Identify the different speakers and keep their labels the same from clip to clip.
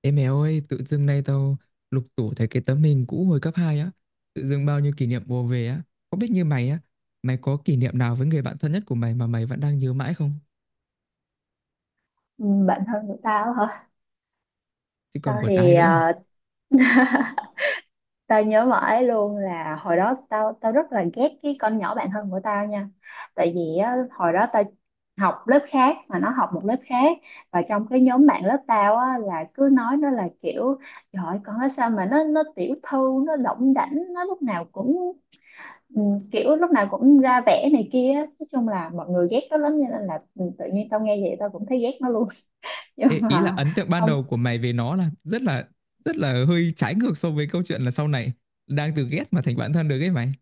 Speaker 1: Ê mẹ ơi, tự dưng nay tao lục tủ thấy cái tấm hình cũ hồi cấp 2 á, tự dưng bao nhiêu kỷ niệm ùa về á, có biết như mày á, mày có kỷ niệm nào với người bạn thân nhất của mày mà mày vẫn đang nhớ mãi không?
Speaker 2: Ừ, bạn thân của tao hả?
Speaker 1: Chứ còn
Speaker 2: tao
Speaker 1: của tao ai
Speaker 2: thì
Speaker 1: nữa.
Speaker 2: ờ, Tao nhớ mãi luôn là hồi đó tao tao rất là ghét cái con nhỏ bạn thân của tao nha. Tại vì á, hồi đó tao học lớp khác mà nó học một lớp khác, và trong cái nhóm bạn lớp tao á, là cứ nói nó là kiểu "trời ơi, con nó sao mà nó tiểu thư, nó đỏng đảnh, nó lúc nào cũng ừ, kiểu lúc nào cũng ra vẻ này kia á." Nói chung là mọi người ghét nó lắm cho nên là tự nhiên tao nghe vậy tao cũng thấy ghét nó luôn. Nhưng
Speaker 1: Ê, ý là
Speaker 2: mà
Speaker 1: ấn tượng ban
Speaker 2: không.
Speaker 1: đầu của mày về nó là rất là hơi trái ngược so với câu chuyện là sau này đang từ ghét mà thành bạn thân được ấy mày.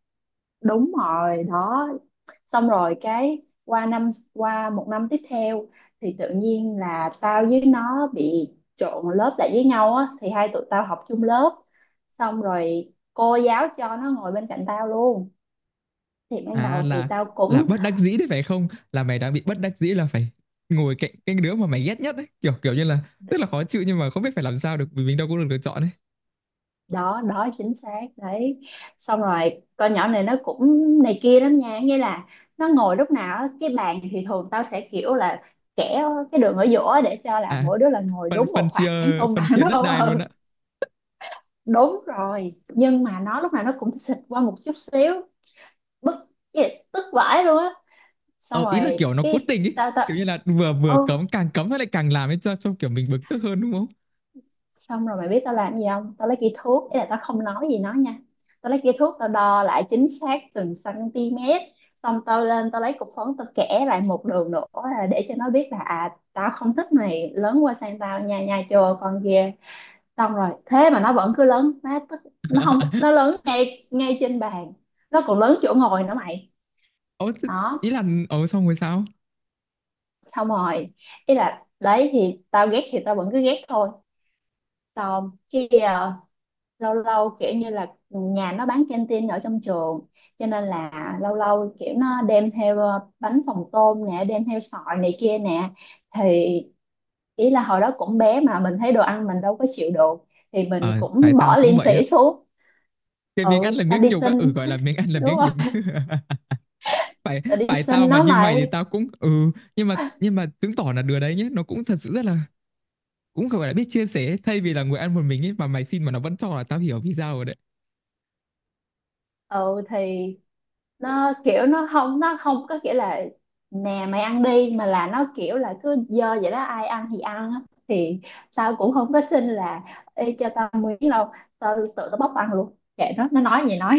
Speaker 2: Đúng rồi đó. Xong rồi cái qua một năm tiếp theo thì tự nhiên là tao với nó bị trộn lớp lại với nhau á, thì hai tụi tao học chung lớp. Xong rồi cô giáo cho nó ngồi bên cạnh tao luôn. Thì ban
Speaker 1: À,
Speaker 2: đầu thì
Speaker 1: là
Speaker 2: tao cũng...
Speaker 1: là bất đắc dĩ đấy phải không? Là mày đang bị bất đắc dĩ là phải ngồi cạnh cái đứa mà mày ghét nhất ấy, kiểu kiểu như là rất là khó chịu nhưng mà không biết phải làm sao được vì mình đâu có được lựa chọn ấy.
Speaker 2: Đó đó, chính xác đấy. Xong rồi con nhỏ này nó cũng này kia lắm nha, nghĩa là nó ngồi lúc nào á, cái bàn thì thường tao sẽ kiểu là kẻ cái đường ở giữa để cho là
Speaker 1: À,
Speaker 2: mỗi đứa là ngồi
Speaker 1: phân
Speaker 2: đúng một khoảng công
Speaker 1: phân
Speaker 2: bằng.
Speaker 1: chia đất
Speaker 2: Đâu
Speaker 1: đai luôn
Speaker 2: ừ.
Speaker 1: ạ.
Speaker 2: Đúng rồi, nhưng mà nó lúc nào nó cũng xịt qua một chút xíu, bức tức vãi luôn á. Xong
Speaker 1: Ờ Ý là
Speaker 2: rồi
Speaker 1: kiểu nó cố
Speaker 2: cái
Speaker 1: tình ý,
Speaker 2: tao tao
Speaker 1: kiểu như là vừa vừa
Speaker 2: ô
Speaker 1: cấm, càng cấm nó lại càng làm ấy, cho kiểu mình bực tức hơn, đúng không?
Speaker 2: xong rồi mày biết tao làm gì không, tao lấy cây thước, ý là tao không nói gì nó nha, tao lấy cây thước tao đo lại chính xác từng cm. Xong tao lên tao lấy cục phấn tao kẻ lại một đường nữa là để cho nó biết là à tao không thích mày lớn qua sang tao nha, nha chưa con kia. Xong rồi thế mà nó vẫn cứ lớn, nó tức, nó không, nó lớn ngay ngay trên bàn, nó còn lớn chỗ ngồi nữa mày.
Speaker 1: ờ thế-
Speaker 2: Đó.
Speaker 1: Ý là xong rồi sao?
Speaker 2: Xong rồi ý là đấy thì tao ghét thì tao vẫn cứ ghét thôi. Xong khi lâu lâu kiểu như là nhà nó bán canteen ở trong trường, cho nên là lâu lâu kiểu nó đem theo bánh phồng tôm nè, đem theo sọi này kia nè, thì ý là hồi đó cũng bé mà mình thấy đồ ăn mình đâu có chịu được, thì mình
Speaker 1: Ờ Phải,
Speaker 2: cũng
Speaker 1: tao
Speaker 2: bỏ
Speaker 1: cũng
Speaker 2: liền
Speaker 1: vậy á.
Speaker 2: xỉ xuống.
Speaker 1: Cái miếng ăn
Speaker 2: Ừ,
Speaker 1: là
Speaker 2: tao
Speaker 1: miếng
Speaker 2: đi
Speaker 1: nhục á,
Speaker 2: xin.
Speaker 1: gọi là miếng ăn là
Speaker 2: Đúng
Speaker 1: miếng nhục. Phải,
Speaker 2: là đi
Speaker 1: phải, tao
Speaker 2: sinh
Speaker 1: mà
Speaker 2: nó
Speaker 1: như mày thì
Speaker 2: mày.
Speaker 1: tao cũng nhưng mà chứng tỏ là đứa đấy nhé, nó cũng thật sự rất là cũng gọi là biết chia sẻ ấy. Thay vì là ngồi ăn một mình ấy mà mày xin mà nó vẫn cho, là tao hiểu vì sao rồi đấy.
Speaker 2: Ừ thì nó kiểu nó không có kiểu là "nè mày ăn đi" mà là nó kiểu là cứ dơ vậy đó, ai ăn thì ăn á. Thì tao cũng không có xin là "Ê, cho tao miếng đâu", tao tự tao bóc ăn luôn, kệ nó nói gì nói.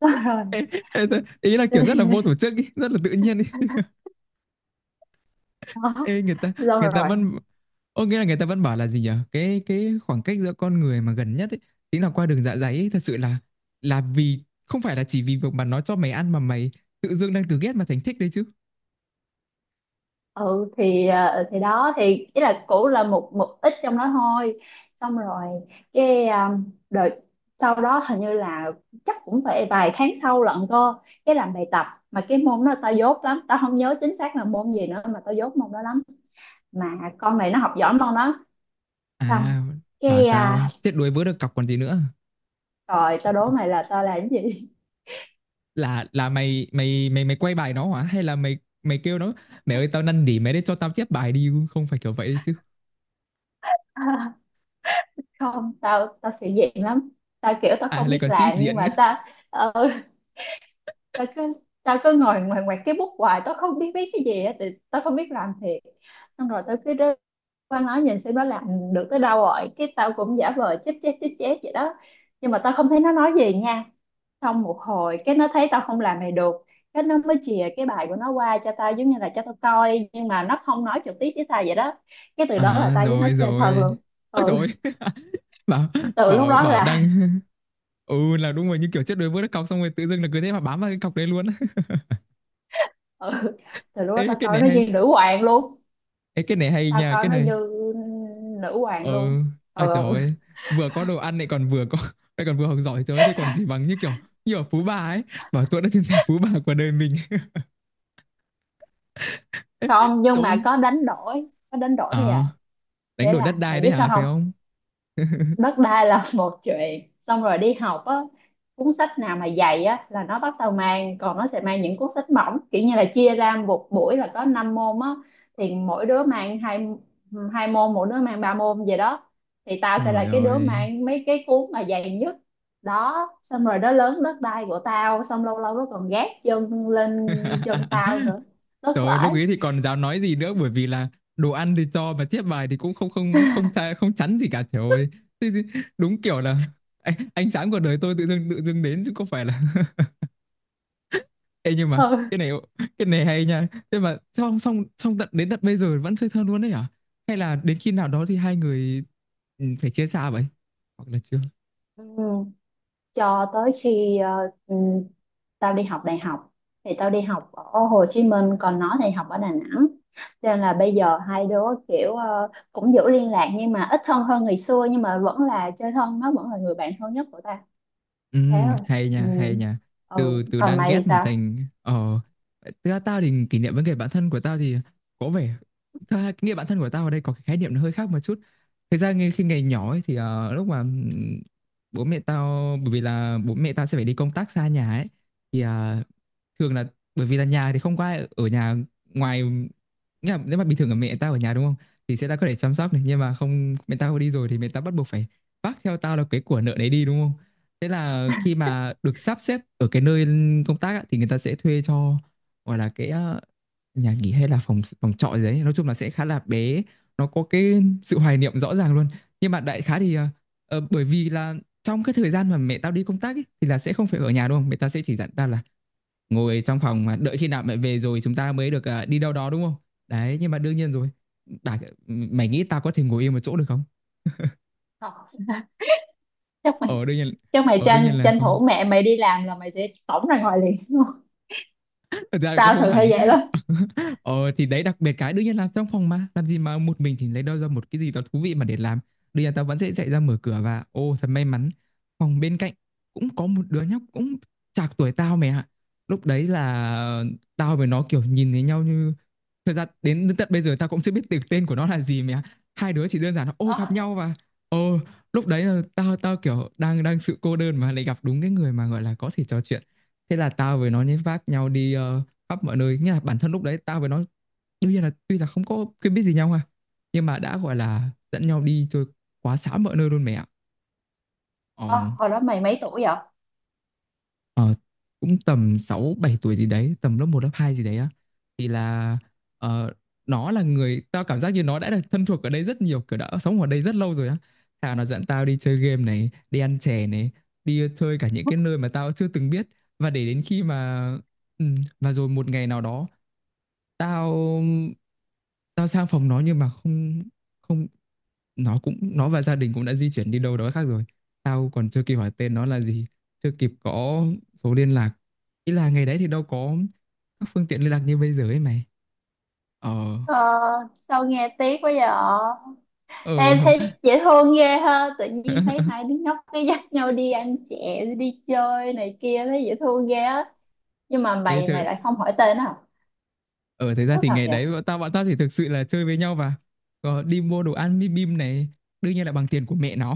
Speaker 2: Xong rồi.
Speaker 1: Ý là kiểu rất là vô tổ chức ý, rất là tự nhiên ý.
Speaker 2: Đó.
Speaker 1: Ê,
Speaker 2: Xong
Speaker 1: người ta
Speaker 2: rồi
Speaker 1: vẫn người ta vẫn bảo là gì nhở, cái khoảng cách giữa con người mà gần nhất ấy chính là qua đường dạ dày ấy, thật sự là vì không phải là chỉ vì việc mà nó cho mày ăn mà mày tự dưng đang từ ghét mà thành thích đấy chứ.
Speaker 2: ừ thì thì đó thì ý là cũ là một một ít trong đó thôi. Xong rồi cái đợt sau đó hình như là chắc cũng phải vài tháng sau lận cơ, cái làm bài tập mà cái môn đó tao dốt lắm, tao không nhớ chính xác là môn gì nữa, mà tao dốt môn đó lắm, mà con này nó học giỏi môn đó. Xong
Speaker 1: À, bảo
Speaker 2: cái
Speaker 1: sao chết đuối vớ được cọc còn gì nữa.
Speaker 2: rồi tao đố mày là tao làm cái gì.
Speaker 1: Là là mày mày mày mày quay bài nó hả, hay là mày mày kêu nó, mẹ ơi tao năn nỉ mày đấy cho tao chép bài đi, không phải kiểu vậy đấy chứ?
Speaker 2: Không, tao tao sĩ diện lắm, tao kiểu tao
Speaker 1: À,
Speaker 2: không
Speaker 1: lại
Speaker 2: biết
Speaker 1: còn sĩ
Speaker 2: làm nhưng
Speaker 1: diện nữa.
Speaker 2: mà ừ, tao cứ tao cứ ngồi ngoài ngoài cái bút hoài, tao không biết viết cái gì á, thì tao không biết làm thiệt. Xong rồi tao cứ rơi qua nó nhìn xem nó làm được tới đâu, rồi cái tao cũng giả vờ chép chép chép chép vậy đó. Nhưng mà tao không thấy nó nói gì nha. Xong một hồi cái nó thấy tao không làm này được, cái nó mới chìa cái bài của nó qua cho tao giống như là cho tao coi, nhưng mà nó không nói trực tiếp với tao vậy đó. Cái từ đó là
Speaker 1: À,
Speaker 2: tao với nó
Speaker 1: rồi
Speaker 2: chơi thân
Speaker 1: rồi,
Speaker 2: luôn.
Speaker 1: ôi
Speaker 2: Ừ.
Speaker 1: rồi. bảo
Speaker 2: Từ lúc
Speaker 1: bảo
Speaker 2: đó
Speaker 1: bảo
Speaker 2: là...
Speaker 1: đang là đúng rồi, như kiểu trước đuối vớt cái cọc xong rồi tự dưng là cứ thế mà bám vào cái cọc đấy luôn.
Speaker 2: Ừ, từ lúc đó
Speaker 1: Ê,
Speaker 2: tao
Speaker 1: cái
Speaker 2: coi
Speaker 1: này
Speaker 2: nó
Speaker 1: hay.
Speaker 2: như nữ hoàng luôn.
Speaker 1: Ê, cái này hay
Speaker 2: Tao
Speaker 1: nha.
Speaker 2: coi
Speaker 1: Cái
Speaker 2: nó
Speaker 1: này
Speaker 2: như nữ hoàng
Speaker 1: ờ
Speaker 2: luôn.
Speaker 1: à, trời
Speaker 2: Ừ.
Speaker 1: ơi, vừa có đồ ăn lại còn vừa có lại còn vừa học giỏi, trời ơi, thế còn gì bằng, như kiểu như ở Phú Bà ấy, bảo tôi đã tìm thấy Phú Bà của đời mình.
Speaker 2: Không, nhưng
Speaker 1: Trời
Speaker 2: mà
Speaker 1: ơi.
Speaker 2: có đánh đổi, có đánh đổi bây giờ.
Speaker 1: À, đánh
Speaker 2: Nghĩa
Speaker 1: đổi đất
Speaker 2: là mày
Speaker 1: đai đấy
Speaker 2: biết sao
Speaker 1: hả, phải
Speaker 2: không,
Speaker 1: không?
Speaker 2: đất đai là một chuyện. Xong rồi đi học á, cuốn sách nào mà dày á là nó bắt đầu mang, còn nó sẽ mang những cuốn sách mỏng, kiểu như là chia ra một buổi là có 5 môn á, thì mỗi đứa mang hai hai môn, mỗi đứa mang ba môn vậy đó, thì tao sẽ là
Speaker 1: Trời
Speaker 2: cái đứa
Speaker 1: ơi.
Speaker 2: mang mấy cái cuốn mà dày nhất. Đó, xong rồi đó lớn đất đai của tao, xong lâu lâu nó còn gác chân lên chân tao nữa, tức
Speaker 1: Trời ơi, lúc
Speaker 2: lỗi.
Speaker 1: ấy thì còn dám nói gì nữa, bởi vì là đồ ăn thì cho mà chép bài thì cũng không không không chai, không chắn gì cả, trời ơi. Thế thì đúng kiểu là ánh sáng của đời tôi tự dưng đến chứ không phải là. Ê, nhưng mà cái này cái này hay nha. Thế mà xong xong xong tận đến tận bây giờ vẫn chơi thân luôn đấy hả? Hay là đến khi nào đó thì hai người phải chia xa vậy? Hoặc là chưa?
Speaker 2: Ừ. Cho tới khi tao đi học đại học, thì tao đi học ở Hồ Chí Minh còn nó thì học ở Đà Nẵng, cho nên là bây giờ hai đứa kiểu cũng giữ liên lạc nhưng mà ít thân hơn ngày xưa, nhưng mà vẫn là chơi thân, nó vẫn là người bạn thân nhất của tao. Thế rồi.
Speaker 1: Hay
Speaker 2: Ừ.
Speaker 1: nha, hay nha.
Speaker 2: Ừ,
Speaker 1: Từ từ
Speaker 2: còn
Speaker 1: đang
Speaker 2: mày thì
Speaker 1: ghét mà
Speaker 2: sao?
Speaker 1: thành. Ờ Thực ra tao thì kỷ niệm với người bạn thân của tao thì có vẻ, thực ra nghĩa bạn thân của tao ở đây có cái khái niệm nó hơi khác một chút. Thực ra ngay khi ngày nhỏ ấy thì lúc mà bố mẹ tao, bởi vì là bố mẹ tao sẽ phải đi công tác xa nhà ấy, thì thường là bởi vì là nhà thì không có ai ở nhà ngoài, nghĩa là nếu mà bình thường là mẹ tao ở nhà đúng không, thì sẽ đã có thể chăm sóc này, nhưng mà không, mẹ tao đi rồi thì mẹ tao bắt buộc phải vác theo tao là cái của nợ đấy đi, đúng không? Thế là khi mà được sắp xếp ở cái nơi công tác á, thì người ta sẽ thuê cho, gọi là cái nhà nghỉ hay là phòng phòng trọ gì đấy. Nói chung là sẽ khá là bé, nó có cái sự hoài niệm rõ ràng luôn. Nhưng mà đại khái thì bởi vì là trong cái thời gian mà mẹ tao đi công tác ấy, thì là sẽ không phải ở nhà, đúng không? Mẹ tao sẽ chỉ dặn tao là ngồi trong phòng mà đợi khi nào mẹ về rồi chúng ta mới được đi đâu đó, đúng không? Đấy, nhưng mà đương nhiên rồi. Bà, mày nghĩ tao có thể ngồi yên một chỗ được không?
Speaker 2: Không. Chắc mày...
Speaker 1: Ở đương nhiên,
Speaker 2: chắc mày
Speaker 1: ở đương
Speaker 2: tranh
Speaker 1: nhiên là
Speaker 2: tranh
Speaker 1: không.
Speaker 2: thủ mẹ mày đi làm là mày sẽ tổng ra ngoài liền đúng không?
Speaker 1: Thật ra là cũng
Speaker 2: Tao
Speaker 1: không
Speaker 2: thường hay
Speaker 1: hẳn.
Speaker 2: vậy lắm.
Speaker 1: Ờ, thì đấy, đặc biệt cái đương nhiên là trong phòng mà, làm gì mà một mình thì lấy đâu ra một cái gì đó thú vị mà để làm. Đương nhiên tao vẫn sẽ chạy ra mở cửa và ô thật may mắn, phòng bên cạnh cũng có một đứa nhóc cũng chạc tuổi tao mày ạ. Lúc đấy là tao với nó kiểu nhìn thấy nhau như, thật ra đến tận bây giờ tao cũng chưa biết được tên của nó là gì mày ạ. Hai đứa chỉ đơn giản là ô gặp
Speaker 2: Ờ,
Speaker 1: nhau và ô lúc đấy là tao tao kiểu đang đang sự cô đơn mà lại gặp đúng cái người mà gọi là có thể trò chuyện, thế là tao với nó nhét vác nhau đi khắp mọi nơi, nghĩa là bản thân lúc đấy tao với nó, đương nhiên là tuy là không có quen biết gì nhau ha, nhưng mà đã gọi là dẫn nhau đi chơi quá xá mọi nơi luôn mẹ ạ. ờ,
Speaker 2: ờ, hồi đó mày mấy tuổi vậy?
Speaker 1: ờ, Cũng tầm 6 7 tuổi gì đấy, tầm lớp một lớp 2 gì đấy á. Thì là ờ, nó là người tao cảm giác như nó đã được thân thuộc ở đây rất nhiều, kiểu đã sống ở đây rất lâu rồi á. Thà nó dẫn tao đi chơi game này, đi ăn chè này, đi chơi cả những cái nơi mà tao chưa từng biết. Và để đến khi mà ừ, và rồi một ngày nào đó tao, tao sang phòng nó nhưng mà không, không, nó cũng, nó và gia đình cũng đã di chuyển đi đâu đó khác rồi. Tao còn chưa kịp hỏi tên nó là gì, chưa kịp có số liên lạc, ý là ngày đấy thì đâu có các phương tiện liên lạc như bây giờ ấy mày. ờ
Speaker 2: Ờ, sao nghe tiếc quá vậy.
Speaker 1: ờ
Speaker 2: Em thấy dễ thương ghê ha, tự nhiên thấy hai đứa nhóc cái dắt nhau đi ăn chè, đi chơi này kia, thấy dễ thương ghê á. Nhưng mà
Speaker 1: Ê
Speaker 2: mày
Speaker 1: thơ,
Speaker 2: mày lại không hỏi tên à?
Speaker 1: thực ra
Speaker 2: Tức
Speaker 1: thì
Speaker 2: thật
Speaker 1: ngày
Speaker 2: vậy.
Speaker 1: đấy bọn tao chỉ thực sự là chơi với nhau và có đi mua đồ ăn bim bim này, đương nhiên là bằng tiền của mẹ nó.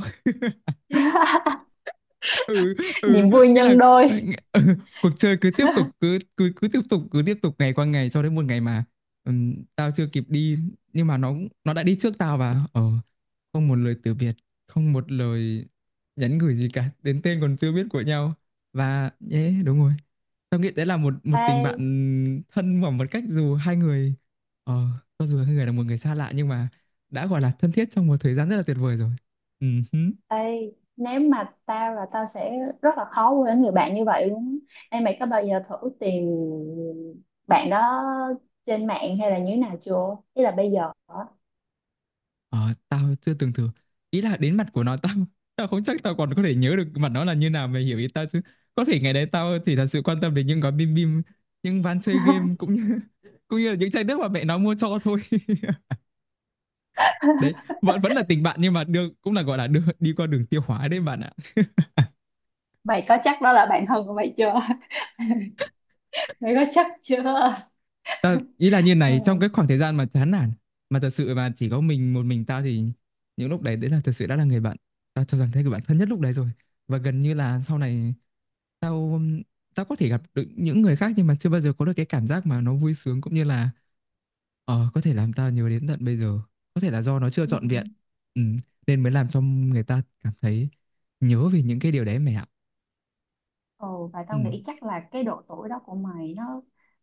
Speaker 1: Ừ. Ừ.
Speaker 2: Niềm vui
Speaker 1: Nghĩa là
Speaker 2: nhân
Speaker 1: ừ,
Speaker 2: đôi.
Speaker 1: ừ, cuộc chơi cứ tiếp tục, cứ cứ cứ tiếp tục ngày qua ngày cho đến một ngày mà tao chưa kịp đi nhưng mà nó, đã đi trước tao và không một lời từ biệt, không một lời nhắn gửi gì cả đến tên còn chưa biết của nhau. Và nhé, đúng rồi, tao nghĩ đấy là một một tình bạn
Speaker 2: Ê,
Speaker 1: thân mà một cách, dù hai người ờ cho dù hai người là một người xa lạ nhưng mà đã gọi là thân thiết trong một thời gian rất là tuyệt vời rồi. Ừ.
Speaker 2: ê, nếu mà tao là tao sẽ rất là khó quên người bạn như vậy luôn á. Ê, mày có bao giờ thử tìm bạn đó trên mạng hay là như thế nào chưa? Ý là bây giờ á,
Speaker 1: Ờ, tao chưa từng thử. Ý là đến mặt của nó tao, tao không chắc tao còn có thể nhớ được mặt nó là như nào mày hiểu ý tao chứ. Có thể ngày đấy tao chỉ thật sự quan tâm đến những gói bim bim, những ván chơi game cũng như cũng như là những chai nước mà mẹ nó mua cho thôi. Đấy, vẫn vẫn là tình bạn nhưng mà được cũng là gọi là đưa, đi qua đường tiêu hóa đấy bạn ạ.
Speaker 2: mày có chắc đó là bạn thân của mày chưa? Mày có chắc chưa?
Speaker 1: Ta, ý là như này, trong cái khoảng thời gian mà chán nản mà thật sự mà chỉ có mình, một mình tao thì những lúc đấy đấy là thật sự đã là người bạn, tao cho rằng thế, người bạn thân nhất lúc đấy rồi. Và gần như là sau này tao, tao có thể gặp được những người khác nhưng mà chưa bao giờ có được cái cảm giác mà nó vui sướng cũng như là có thể làm tao nhớ đến tận bây giờ. Có thể là do nó chưa
Speaker 2: Ừ.
Speaker 1: trọn vẹn ừ, nên mới làm cho người ta cảm thấy nhớ về những cái điều đấy mẹ ạ.
Speaker 2: Ừ, và
Speaker 1: Ừ.
Speaker 2: tao nghĩ chắc là cái độ tuổi đó của mày, nó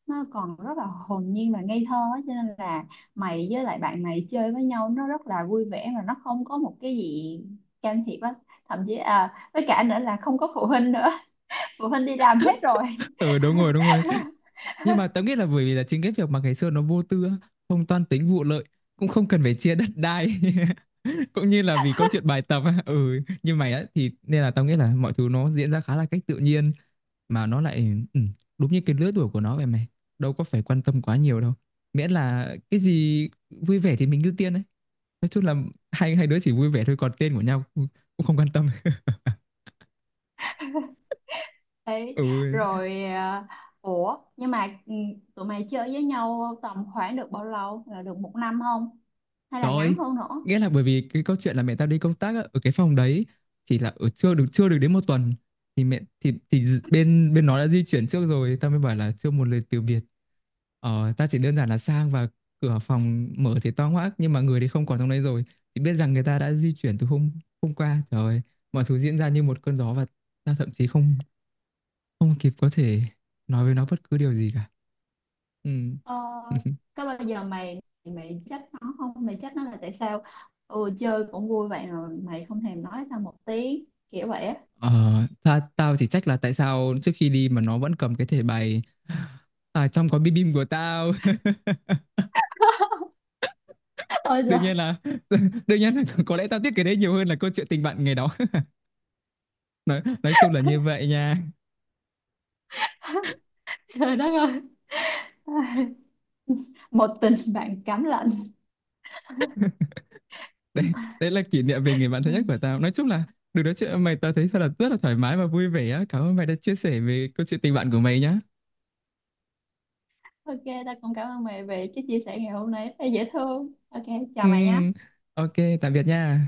Speaker 2: còn rất là hồn nhiên và ngây thơ á, cho nên là mày với lại bạn mày chơi với nhau nó rất là vui vẻ, và nó không có một cái gì can thiệp á, thậm chí với cả nữa là không có phụ huynh nữa. Phụ huynh đi làm hết rồi.
Speaker 1: Ừ, đúng rồi, đúng rồi. Nhưng mà tớ nghĩ là bởi vì là chính cái việc mà ngày xưa nó vô tư á, không toan tính vụ lợi, cũng không cần phải chia đất đai. Cũng như là vì câu chuyện bài tập á, như mày á, thì nên là tao nghĩ là mọi thứ nó diễn ra khá là cách tự nhiên mà nó lại ừ, đúng như cái lứa tuổi của nó vậy mày, đâu có phải quan tâm quá nhiều đâu, miễn là cái gì vui vẻ thì mình ưu tiên đấy. Nói chung là hai hai đứa chỉ vui vẻ thôi, còn tên của nhau cũng, cũng không quan tâm.
Speaker 2: Đấy,
Speaker 1: Ừ.
Speaker 2: rồi ủa nhưng mà tụi mày chơi với nhau tầm khoảng được bao lâu, là được một năm không, hay là
Speaker 1: Trời
Speaker 2: ngắn
Speaker 1: ơi,
Speaker 2: hơn nữa?
Speaker 1: nghĩa là bởi vì cái câu chuyện là mẹ tao đi công tác á, ở cái phòng đấy chỉ là ở chưa được đến một tuần thì mẹ thì d- bên bên nó đã di chuyển trước rồi tao mới bảo là chưa một lời từ biệt. Tao chỉ đơn giản là sang và cửa phòng mở thì to hoác nhưng mà người thì không còn trong đấy rồi, thì biết rằng người ta đã di chuyển từ hôm hôm qua. Trời ơi, mọi thứ diễn ra như một cơn gió và tao thậm chí không không kịp có thể nói với nó bất cứ điều gì cả. Ừ.
Speaker 2: Ờ, có bao giờ mày mày trách nó không, mày trách nó là tại sao, chơi cũng vui vậy rồi mày không thèm nói tao một tiếng kiểu vậy á?
Speaker 1: Ờ, ta, tao chỉ trách là tại sao trước khi đi mà nó vẫn cầm cái thẻ bài à, trong có bim bim của tao.
Speaker 2: Ôi giời.
Speaker 1: Đương nhiên là đương nhiên là có lẽ tao tiếc cái đấy nhiều hơn là câu chuyện tình bạn ngày đó. Nói chung là như vậy nha.
Speaker 2: Trời đất ơi. Một tình bạn cám lạnh.
Speaker 1: đấy đấy là kỷ niệm về người bạn
Speaker 2: Ừ.
Speaker 1: thân nhất của tao, nói chung là được nói chuyện với mày tao thấy thật là rất là thoải mái và vui vẻ á, cảm ơn mày đã chia sẻ về câu chuyện tình bạn của mày nhá.
Speaker 2: Ok, tao cũng cảm ơn mày về cái chia sẻ ngày hôm nay, thấy dễ thương. Ok,
Speaker 1: Ừ,
Speaker 2: chào mày nha.
Speaker 1: ok, tạm biệt nha.